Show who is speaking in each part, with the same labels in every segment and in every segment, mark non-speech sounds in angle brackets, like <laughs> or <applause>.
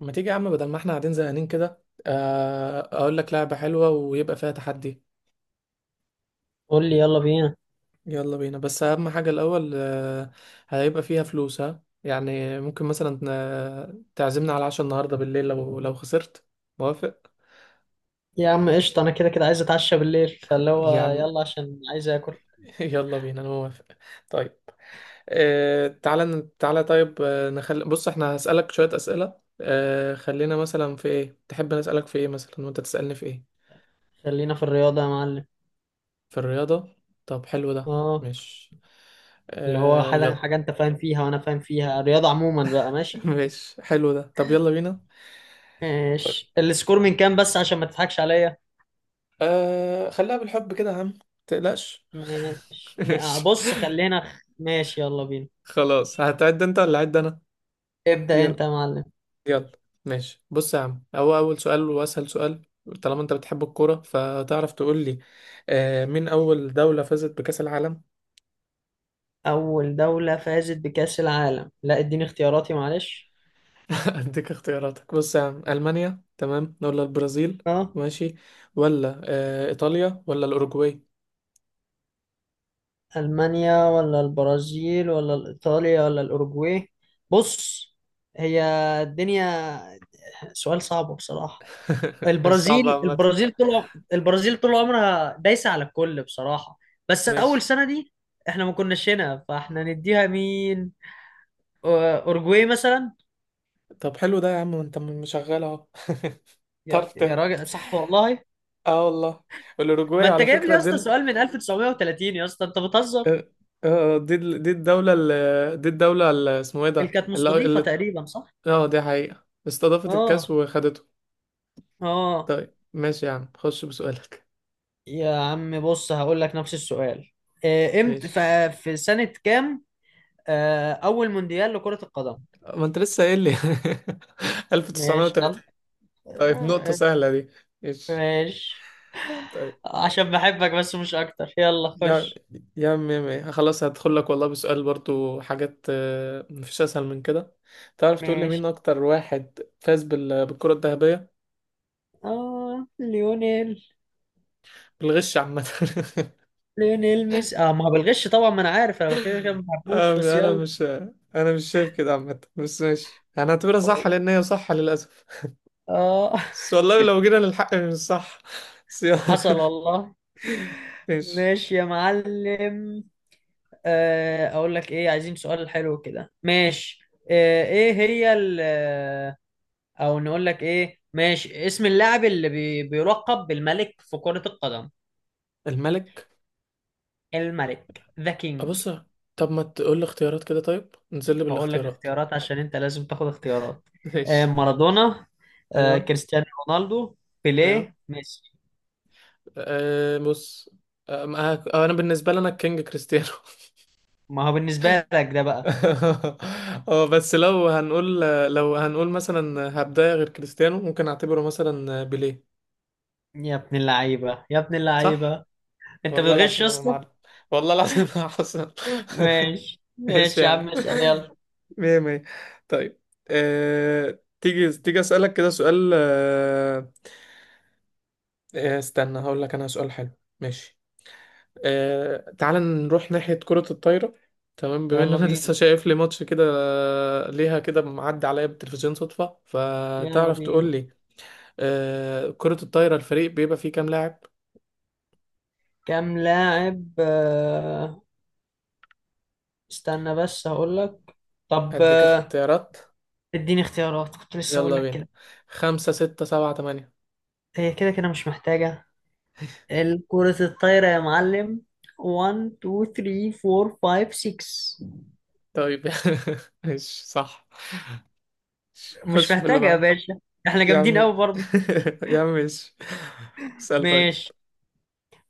Speaker 1: ما تيجي يا عم، بدل ما احنا قاعدين زهقانين كده، اقول لك لعبة حلوة ويبقى فيها تحدي.
Speaker 2: قول لي يلا بينا.
Speaker 1: يلا بينا، بس اهم حاجة الاول. هيبقى فيها فلوس، ها؟ يعني ممكن مثلا تعزمنا على عشاء النهاردة بالليل لو خسرت. موافق
Speaker 2: يا عم قشطة، أنا كده كده عايز أتعشى بالليل، فاللي
Speaker 1: يا
Speaker 2: هو
Speaker 1: عم.
Speaker 2: يلا عشان عايز آكل.
Speaker 1: <laughs> يلا بينا، انا موافق. طيب، تعالى طيب. نخلي، بص، احنا هسألك شوية أسئلة. خلينا مثلا في ايه، تحب نسألك في ايه مثلا وانت تسألني في ايه؟
Speaker 2: خلينا في الرياضة يا معلم.
Speaker 1: في الرياضة. طب حلو ده.
Speaker 2: أه،
Speaker 1: ماشي،
Speaker 2: اللي هو حاجة
Speaker 1: يلا.
Speaker 2: حاجة، أنت فاهم فيها وأنا فاهم فيها، الرياضة عموما بقى.
Speaker 1: <laughs>
Speaker 2: ماشي.
Speaker 1: ماشي، حلو ده. طب يلا بينا. طيب،
Speaker 2: ماشي، السكور من كام؟ بس عشان ما تضحكش عليا.
Speaker 1: خليها بالحب كده يا عم، تقلقش.
Speaker 2: ماشي،
Speaker 1: <laughs> ماشي
Speaker 2: بص خلينا، ماشي يلا بينا.
Speaker 1: خلاص. هتعد انت ولا اعد انا؟
Speaker 2: ابدأ
Speaker 1: يلا،
Speaker 2: أنت يا معلم.
Speaker 1: يلا. ماشي، بص يا عم، هو اول سؤال واسهل سؤال: طالما انت بتحب الكوره فتعرف تقول لي مين اول دوله فازت بكاس العالم؟
Speaker 2: أول دولة فازت بكأس العالم؟ لا اديني اختياراتي معلش.
Speaker 1: <laughs> اديك اختياراتك. بص يا عم، المانيا تمام، ولا البرازيل؟
Speaker 2: اه،
Speaker 1: ماشي، ولا ايطاليا، ولا الاوروجواي؟
Speaker 2: ألمانيا ولا البرازيل ولا إيطاليا ولا الأوروجواي؟ بص، هي الدنيا سؤال صعب بصراحة.
Speaker 1: <laughs> مش صعبه
Speaker 2: البرازيل
Speaker 1: عامه.
Speaker 2: البرازيل طول عمرها دايسة على الكل بصراحة. بس أول
Speaker 1: ماشي،
Speaker 2: سنة دي احنا ما كناش هنا، فاحنا نديها مين؟ أو- أوروجواي مثلا.
Speaker 1: طب حلو ده يا عم، وانت مشغل اهو. <laughs>
Speaker 2: يا
Speaker 1: تعرف
Speaker 2: يا
Speaker 1: تهبط.
Speaker 2: راجل، صح والله.
Speaker 1: اه والله.
Speaker 2: ما
Speaker 1: والاوروجواي
Speaker 2: انت
Speaker 1: على
Speaker 2: جايب لي
Speaker 1: فكره
Speaker 2: يا اسطى سؤال من 1930، يا اسطى انت بتهزر.
Speaker 1: اه دي الدوله اسمه ايه
Speaker 2: اللي
Speaker 1: ده
Speaker 2: كانت
Speaker 1: اللي
Speaker 2: مستضيفة
Speaker 1: اللي
Speaker 2: تقريبا صح؟
Speaker 1: اه دي حقيقه استضافت الكاس
Speaker 2: اه،
Speaker 1: وخدته.
Speaker 2: اه.
Speaker 1: طيب ماشي يا عم، خش بسؤالك.
Speaker 2: يا عم بص هقول لك نفس السؤال.
Speaker 1: <laughs>
Speaker 2: امتى،
Speaker 1: ماشي.
Speaker 2: في سنة كام أول مونديال لكرة القدم؟
Speaker 1: ما انت لسه قايل لي. <laughs>
Speaker 2: ماشي
Speaker 1: 1930.
Speaker 2: يلا.
Speaker 1: طيب، نقطه
Speaker 2: آه،
Speaker 1: سهله دي. ماشي.
Speaker 2: ماشي.
Speaker 1: طيب.
Speaker 2: عشان بحبك بس مش أكتر، يلا
Speaker 1: يا
Speaker 2: خش.
Speaker 1: يا عم، يا عم، خلاص هدخل لك والله بسؤال، برضو حاجات مفيش اسهل من كده. تعرف تقول لي مين
Speaker 2: ماشي.
Speaker 1: اكتر واحد فاز بالكرة الذهبية؟
Speaker 2: آه ليونيل
Speaker 1: بالغش عامة. <laughs>
Speaker 2: ليونيل ميسي. ما هو بالغش طبعا، ما أنا عارف، أنا كده كده ما بحبوش بس
Speaker 1: آه، انا
Speaker 2: يلا.
Speaker 1: مش انا مش شايف كده عامة، بس ماشي انا هعتبرها صح لان هي صح للاسف.
Speaker 2: آه <laughs>
Speaker 1: بس والله لو جينا للحق مش صح، بس يلا.
Speaker 2: حصل
Speaker 1: <laughs>
Speaker 2: والله.
Speaker 1: ماشي.
Speaker 2: ماشي يا معلم. أقول لك إيه، عايزين سؤال حلو كده. ماشي. آه، إيه هي ال او نقول لك ايه. ماشي. اسم اللاعب اللي بيلقب بالملك في كرة القدم؟
Speaker 1: الملك؟
Speaker 2: الملك، ذا كينج.
Speaker 1: ابص. طب ما تقول لي اختيارات كده، طيب نزل لي
Speaker 2: هقول لك
Speaker 1: بالاختيارات.
Speaker 2: اختيارات عشان انت لازم تاخد اختيارات.
Speaker 1: <laughs> ماشي.
Speaker 2: مارادونا،
Speaker 1: ايوه.
Speaker 2: كريستيانو رونالدو،
Speaker 1: ايوه.
Speaker 2: بيليه، ميسي.
Speaker 1: أه، بص. أه ما- أه، انا بالنسبه لي، انا الكينج كريستيانو.
Speaker 2: ما هو بالنسبة لك ده بقى.
Speaker 1: <laughs> اه، بس لو هنقول مثلا هبدايه غير كريستيانو ممكن اعتبره مثلا بيليه.
Speaker 2: يا ابن اللعيبة، يا ابن
Speaker 1: صح.
Speaker 2: اللعيبة، انت
Speaker 1: والله
Speaker 2: بتغش يا
Speaker 1: العظيم يا
Speaker 2: اسطى.
Speaker 1: معلم، والله العظيم يا حسن.
Speaker 2: ماشي
Speaker 1: <laughs> ايش
Speaker 2: ماشي
Speaker 1: يا
Speaker 2: يا
Speaker 1: عم؟
Speaker 2: عم، اسأل يلا.
Speaker 1: مية مية. طيب. تيجي اسالك كده سؤال استنى هقول لك انا سؤال حلو. ماشي. تعال نروح ناحية كرة الطايرة. تمام، بما ان
Speaker 2: يلا
Speaker 1: انا <laughs>
Speaker 2: بينا،
Speaker 1: لسه شايف لي ماتش كده، ليها كده، معدي عليا بالتلفزيون صدفة،
Speaker 2: يلا
Speaker 1: فتعرف تقول
Speaker 2: بينا.
Speaker 1: لي كرة الطايرة الفريق بيبقى فيه كام لاعب؟
Speaker 2: كام لاعب استنى بس هقول لك. طب
Speaker 1: اديك اختيارات،
Speaker 2: اديني اختيارات، كنت لسه اقول
Speaker 1: يلا
Speaker 2: لك
Speaker 1: بينا:
Speaker 2: كده.
Speaker 1: خمسة، ستة، سبعة، تمانية.
Speaker 2: هي كده كده مش محتاجة، الكرة الطايرة يا معلم، 1 2 3 4 5 6.
Speaker 1: طيب. <laughs> ماشي صح.
Speaker 2: مش
Speaker 1: خش في اللي
Speaker 2: محتاجة يا
Speaker 1: بعد.
Speaker 2: باشا، احنا
Speaker 1: يا عم،
Speaker 2: جامدين قوي برضه.
Speaker 1: <laughs> يا عم ماشي. اسأل طيب.
Speaker 2: ماشي.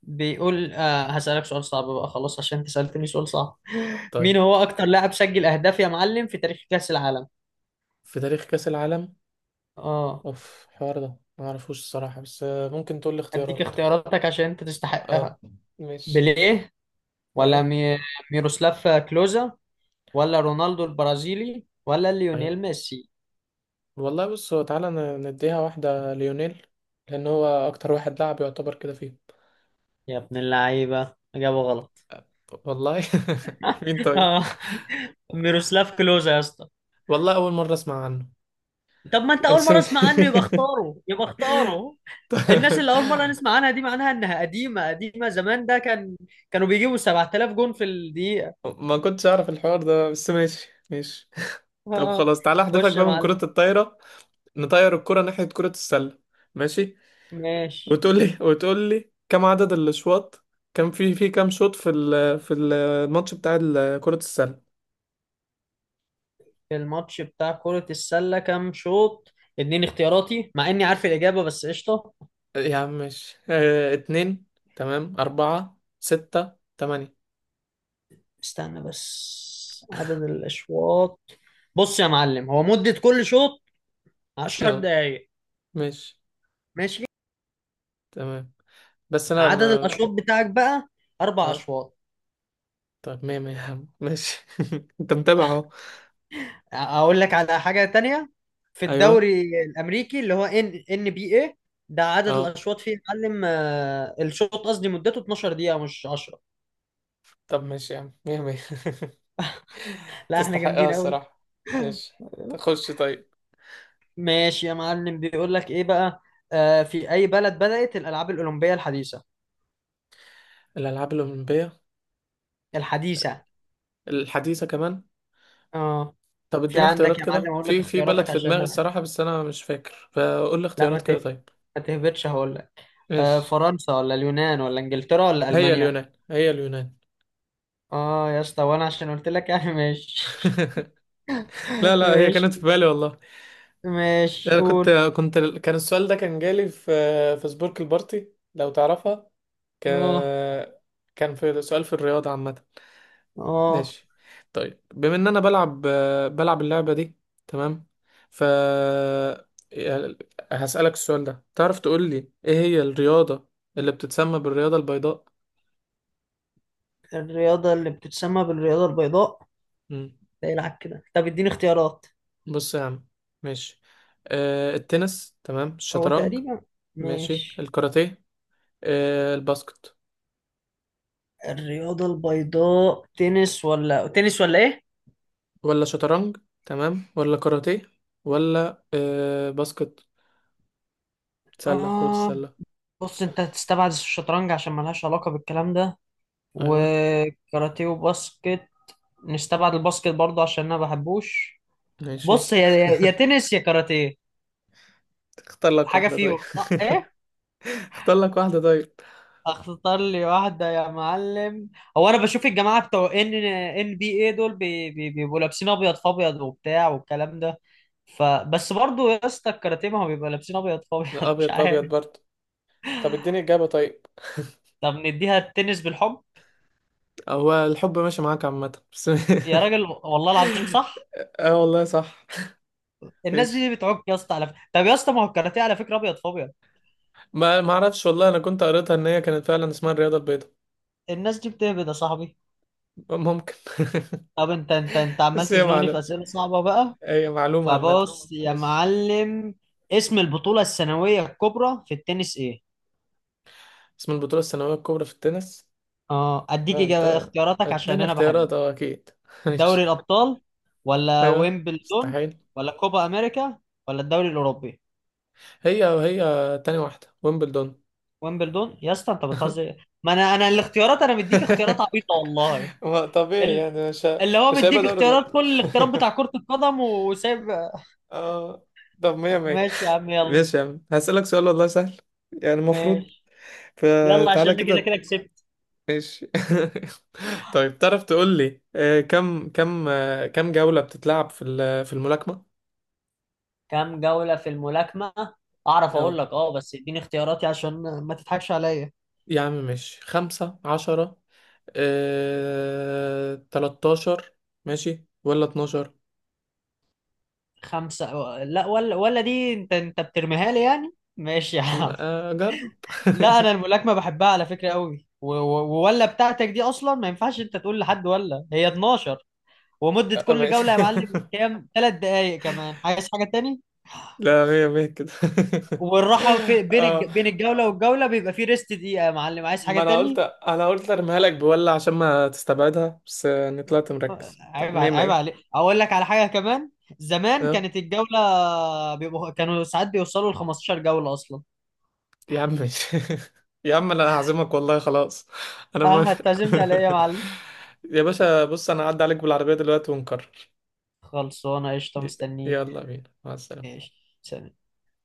Speaker 2: بيقول هسألك سؤال صعب بقى، خلاص عشان انت سألتني سؤال صعب.
Speaker 1: طيب.
Speaker 2: مين هو اكتر لاعب سجل اهداف يا معلم في تاريخ كأس العالم؟
Speaker 1: في تاريخ كأس العالم.
Speaker 2: اه،
Speaker 1: اوف، الحوار ده ما اعرفوش الصراحة، بس ممكن تقول لي
Speaker 2: اديك
Speaker 1: اختيارات.
Speaker 2: اختياراتك عشان انت تستحقها.
Speaker 1: اه ماشي.
Speaker 2: بيليه ولا
Speaker 1: ايوه.
Speaker 2: ميروسلاف كلوزا ولا رونالدو البرازيلي ولا
Speaker 1: ايوه.
Speaker 2: ليونيل ميسي؟
Speaker 1: والله، بص، هو نديها واحدة ليونيل، لان هو اكتر واحد لعب يعتبر كده فيه.
Speaker 2: يا ابن اللعيبة، اجابه غلط.
Speaker 1: والله. <laughs> مين
Speaker 2: <laughs>
Speaker 1: طيب؟
Speaker 2: اه، ميروسلاف كلوزا يا اسطى.
Speaker 1: والله اول مرة اسمع عنه.
Speaker 2: طب ما انت اول
Speaker 1: بس
Speaker 2: مرة
Speaker 1: م-
Speaker 2: اسمع عنه يبقى اختاره، يبقى اختاره. الناس اللي اول مرة نسمع عنها دي معناها انها قديمة قديمة، زمان ده كانوا بيجيبوا 7000 جون في الدقيقة.
Speaker 1: <laughs> ما كنتش اعرف الحوار ده، بس ماشي، ماشي.
Speaker 2: اه،
Speaker 1: طب
Speaker 2: آه.
Speaker 1: خلاص، تعالى احذفك
Speaker 2: خش يا
Speaker 1: بقى من كرة
Speaker 2: معلم.
Speaker 1: الطايرة. نطير الكرة ناحية كرة السلة. ماشي.
Speaker 2: ماشي.
Speaker 1: وتقول لي: كم عدد الاشواط، كان في كام شوط في في الماتش بتاع كرة السلة؟
Speaker 2: في الماتش بتاع كرة السلة كام شوط؟ اتنين؟ اختياراتي مع اني عارف الاجابة، بس قشطة.
Speaker 1: يا عم ماشي، اه، اتنين، تمام، أربعة، ستة، تمانية.
Speaker 2: استنى بس، عدد الاشواط. بص يا معلم، هو مدة كل شوط 10
Speaker 1: اه
Speaker 2: دقايق.
Speaker 1: ماشي.
Speaker 2: ماشي.
Speaker 1: تمام، بس أنا
Speaker 2: عدد
Speaker 1: أنا
Speaker 2: الاشواط بتاعك بقى اربع
Speaker 1: اه،
Speaker 2: اشواط.
Speaker 1: طب مية مية يا عم، ماشي. <laughs> أنت متابع أهو.
Speaker 2: اقول لك على حاجه تانية. في
Speaker 1: أيوه.
Speaker 2: الدوري الامريكي اللي هو NBA، ده عدد
Speaker 1: اه،
Speaker 2: الاشواط فيه يا معلم. الشوط قصدي مدته 12 دقيقه، مش 10.
Speaker 1: طب ماشي يا عم، مية مية. <laughs>
Speaker 2: لا احنا
Speaker 1: تستحقها
Speaker 2: جامدين قوي.
Speaker 1: الصراحة. ماشي. تخش طيب.
Speaker 2: ماشي يا معلم، بيقول لك ايه بقى. في اي بلد بدات الالعاب الاولمبيه الحديثه؟
Speaker 1: الألعاب الأولمبية.
Speaker 2: الحديثه.
Speaker 1: الحديثة كمان.
Speaker 2: اه،
Speaker 1: طب
Speaker 2: في
Speaker 1: اديني
Speaker 2: عندك
Speaker 1: اختيارات
Speaker 2: يا معلم،
Speaker 1: كده،
Speaker 2: اقول لك
Speaker 1: في بلد
Speaker 2: اختياراتك
Speaker 1: في
Speaker 2: عشان
Speaker 1: دماغي الصراحة بس أنا مش فاكر، فقول لي
Speaker 2: لا
Speaker 1: اختيارات كده طيب.
Speaker 2: ما تهبطش، هقول لك.
Speaker 1: ماشي.
Speaker 2: فرنسا ولا اليونان ولا انجلترا ولا
Speaker 1: هي
Speaker 2: المانيا؟
Speaker 1: اليونان، هي اليونان.
Speaker 2: اه يا اسطى، وانا عشان قلت لك يعني. ماشي.
Speaker 1: <laughs> لا
Speaker 2: <laughs>
Speaker 1: لا، هي
Speaker 2: ماشي
Speaker 1: كانت في بالي والله.
Speaker 2: ماشي،
Speaker 1: انا كنت،
Speaker 2: قول.
Speaker 1: كنت كان السؤال ده كان جالي في سبورك البارتي لو تعرفها. ك...
Speaker 2: اه
Speaker 1: كان في سؤال في الرياضة عامة.
Speaker 2: اه،
Speaker 1: ماشي. طيب، بما ان انا بلعب اللعبة دي، تمام، ف هسألك السؤال ده: تعرف تقول لي ايه هي الرياضة اللي بتتسمى بالرياضة البيضاء؟
Speaker 2: الرياضة اللي بتتسمى بالرياضة البيضاء.
Speaker 1: مم.
Speaker 2: ده يلعب كده. طب اديني اختيارات.
Speaker 1: بص يا عم، ماشي. التنس، تمام؟
Speaker 2: هو
Speaker 1: الشطرنج؟
Speaker 2: تقريبا،
Speaker 1: ماشي،
Speaker 2: ماشي.
Speaker 1: الكاراتيه، الباسكت؟
Speaker 2: الرياضة البيضاء تنس ولا تنس ولا ايه؟
Speaker 1: ولا شطرنج؟ تمام، ولا كاراتيه؟ ولا باسكت؟ سلة، كرة
Speaker 2: اه
Speaker 1: السلة؟
Speaker 2: بص، انت هتستبعد الشطرنج عشان ملهاش علاقة بالكلام ده،
Speaker 1: أيوة.
Speaker 2: وكاراتيه وباسكت. نستبعد الباسكت برضه عشان انا ما بحبوش.
Speaker 1: ماشي،
Speaker 2: بص، يا يا يا تنس يا كاراتيه،
Speaker 1: اختار لك
Speaker 2: حاجة
Speaker 1: واحدة طيب.
Speaker 2: فيهم صح؟ ايه؟
Speaker 1: <laughs> اختار لك واحدة طيب.
Speaker 2: اختار لي واحدة يا معلم. هو انا بشوف الجماعة بتوع NBA دول بيبقوا لابسين ابيض في ابيض وبتاع والكلام ده، فبس برضو يا اسطى الكاراتيه ما هو بيبقى لابسين ابيض في ابيض. <laughs> مش
Speaker 1: أبيض في
Speaker 2: عارف.
Speaker 1: أبيض برضه. طب اديني إجابة طيب.
Speaker 2: طب نديها التنس بالحب.
Speaker 1: هو الحب ماشي معاك عامة بس،
Speaker 2: يا
Speaker 1: <laughs>
Speaker 2: راجل، والله العظيم صح.
Speaker 1: اه والله صح.
Speaker 2: الناس
Speaker 1: ماشي.
Speaker 2: دي بتعك يا اسطى على فكرة. طب يا اسطى، ما هو الكاراتيه على فكرة ابيض في ابيض.
Speaker 1: ما اعرفش والله، انا كنت قريتها ان هي كانت فعلا اسمها الرياضة البيضاء.
Speaker 2: الناس دي بتهبد يا صاحبي.
Speaker 1: ممكن.
Speaker 2: طب انت، انت
Speaker 1: <laughs>
Speaker 2: عمال
Speaker 1: بس
Speaker 2: تزنقني في اسئلة صعبة بقى.
Speaker 1: هي معلومة عامة.
Speaker 2: فبص يا
Speaker 1: ماشي.
Speaker 2: معلم، اسم البطولة السنوية الكبرى في التنس ايه؟
Speaker 1: اسم البطولة السنوية الكبرى في التنس؟
Speaker 2: اه، اديك
Speaker 1: لا
Speaker 2: إجابة
Speaker 1: انت،
Speaker 2: اختياراتك عشان
Speaker 1: اديني
Speaker 2: انا
Speaker 1: اختيارات،
Speaker 2: بحبك.
Speaker 1: اه اكيد. <laughs>
Speaker 2: دوري
Speaker 1: ماشي.
Speaker 2: الابطال ولا
Speaker 1: ايوه.
Speaker 2: ويمبلدون
Speaker 1: مستحيل.
Speaker 2: ولا كوبا امريكا ولا الدوري الاوروبي؟
Speaker 1: هي، وهي تاني واحدة ويمبلدون.
Speaker 2: ويمبلدون يا اسطى، انت بتهزر. ما انا الاختيارات، انا مديك
Speaker 1: <laughs>
Speaker 2: اختيارات عبيطه والله.
Speaker 1: ما طبيعي
Speaker 2: ال-
Speaker 1: يعني
Speaker 2: اللي هو
Speaker 1: مش هيبقى
Speaker 2: مديك
Speaker 1: دوري
Speaker 2: اختيارات
Speaker 1: الابطال.
Speaker 2: كل الاختيارات بتاع
Speaker 1: <laughs>
Speaker 2: كرة القدم وسايب.
Speaker 1: اه. طب مية مية.
Speaker 2: ماشي يا عم يلا.
Speaker 1: ماشي يا عم، هسألك سؤال والله سهل، يعني المفروض.
Speaker 2: ماشي، يلا عشان
Speaker 1: فتعالى
Speaker 2: أنا كده
Speaker 1: كده.
Speaker 2: كده كسبت.
Speaker 1: ماشي. <laughs> طيب، تعرف تقول لي كم جولة بتتلعب في في الملاكمة؟
Speaker 2: كام جولة في الملاكمة؟ اعرف
Speaker 1: اه.
Speaker 2: اقول لك اه، بس اديني اختياراتي عشان ما تضحكش عليا.
Speaker 1: يا عم ماشي، 15، 13، ماشي، ولا 12.
Speaker 2: لا، ولا دي انت بترميها لي يعني. ماشي يا عم.
Speaker 1: جرب.
Speaker 2: لا
Speaker 1: <laughs>
Speaker 2: انا الملاكمة بحبها على فكرة قوي، ولا بتاعتك دي اصلا ما ينفعش انت تقول لحد، ولا هي 12. ومدة كل
Speaker 1: ماشي.
Speaker 2: جولة يا معلم
Speaker 1: <laughs>
Speaker 2: كام؟ 3 دقايق. كمان عايز حاجة تاني؟
Speaker 1: لا، مية مية كده.
Speaker 2: والراحة في
Speaker 1: <laughs> اه،
Speaker 2: بين الجولة والجولة بيبقى في ريست دقيقة يا معلم، عايز حاجة
Speaker 1: ما انا قلت،
Speaker 2: تاني؟
Speaker 1: ارميها لك بولا عشان ما تستبعدها، بس يعني طلعت مركز. طب
Speaker 2: عيب،
Speaker 1: مية
Speaker 2: عيب
Speaker 1: مية.
Speaker 2: عليك. اقول لك على حاجة كمان. زمان
Speaker 1: اه
Speaker 2: كانت الجولة كانوا ساعات بيوصلوا ل 15 جولة اصلا.
Speaker 1: يا عم ماشي. <laughs> يا عم، انا هعزمك والله خلاص. انا
Speaker 2: اه،
Speaker 1: موافق.
Speaker 2: هتعزمني على ايه يا معلم؟
Speaker 1: <laughs> يا باشا، بص انا هعدي عليك بالعربية دلوقتي ونكرر.
Speaker 2: خلصانة قشطة،
Speaker 1: ي-
Speaker 2: مستنيك.
Speaker 1: يلا بينا. مع السلامة.
Speaker 2: ماشي. سلام.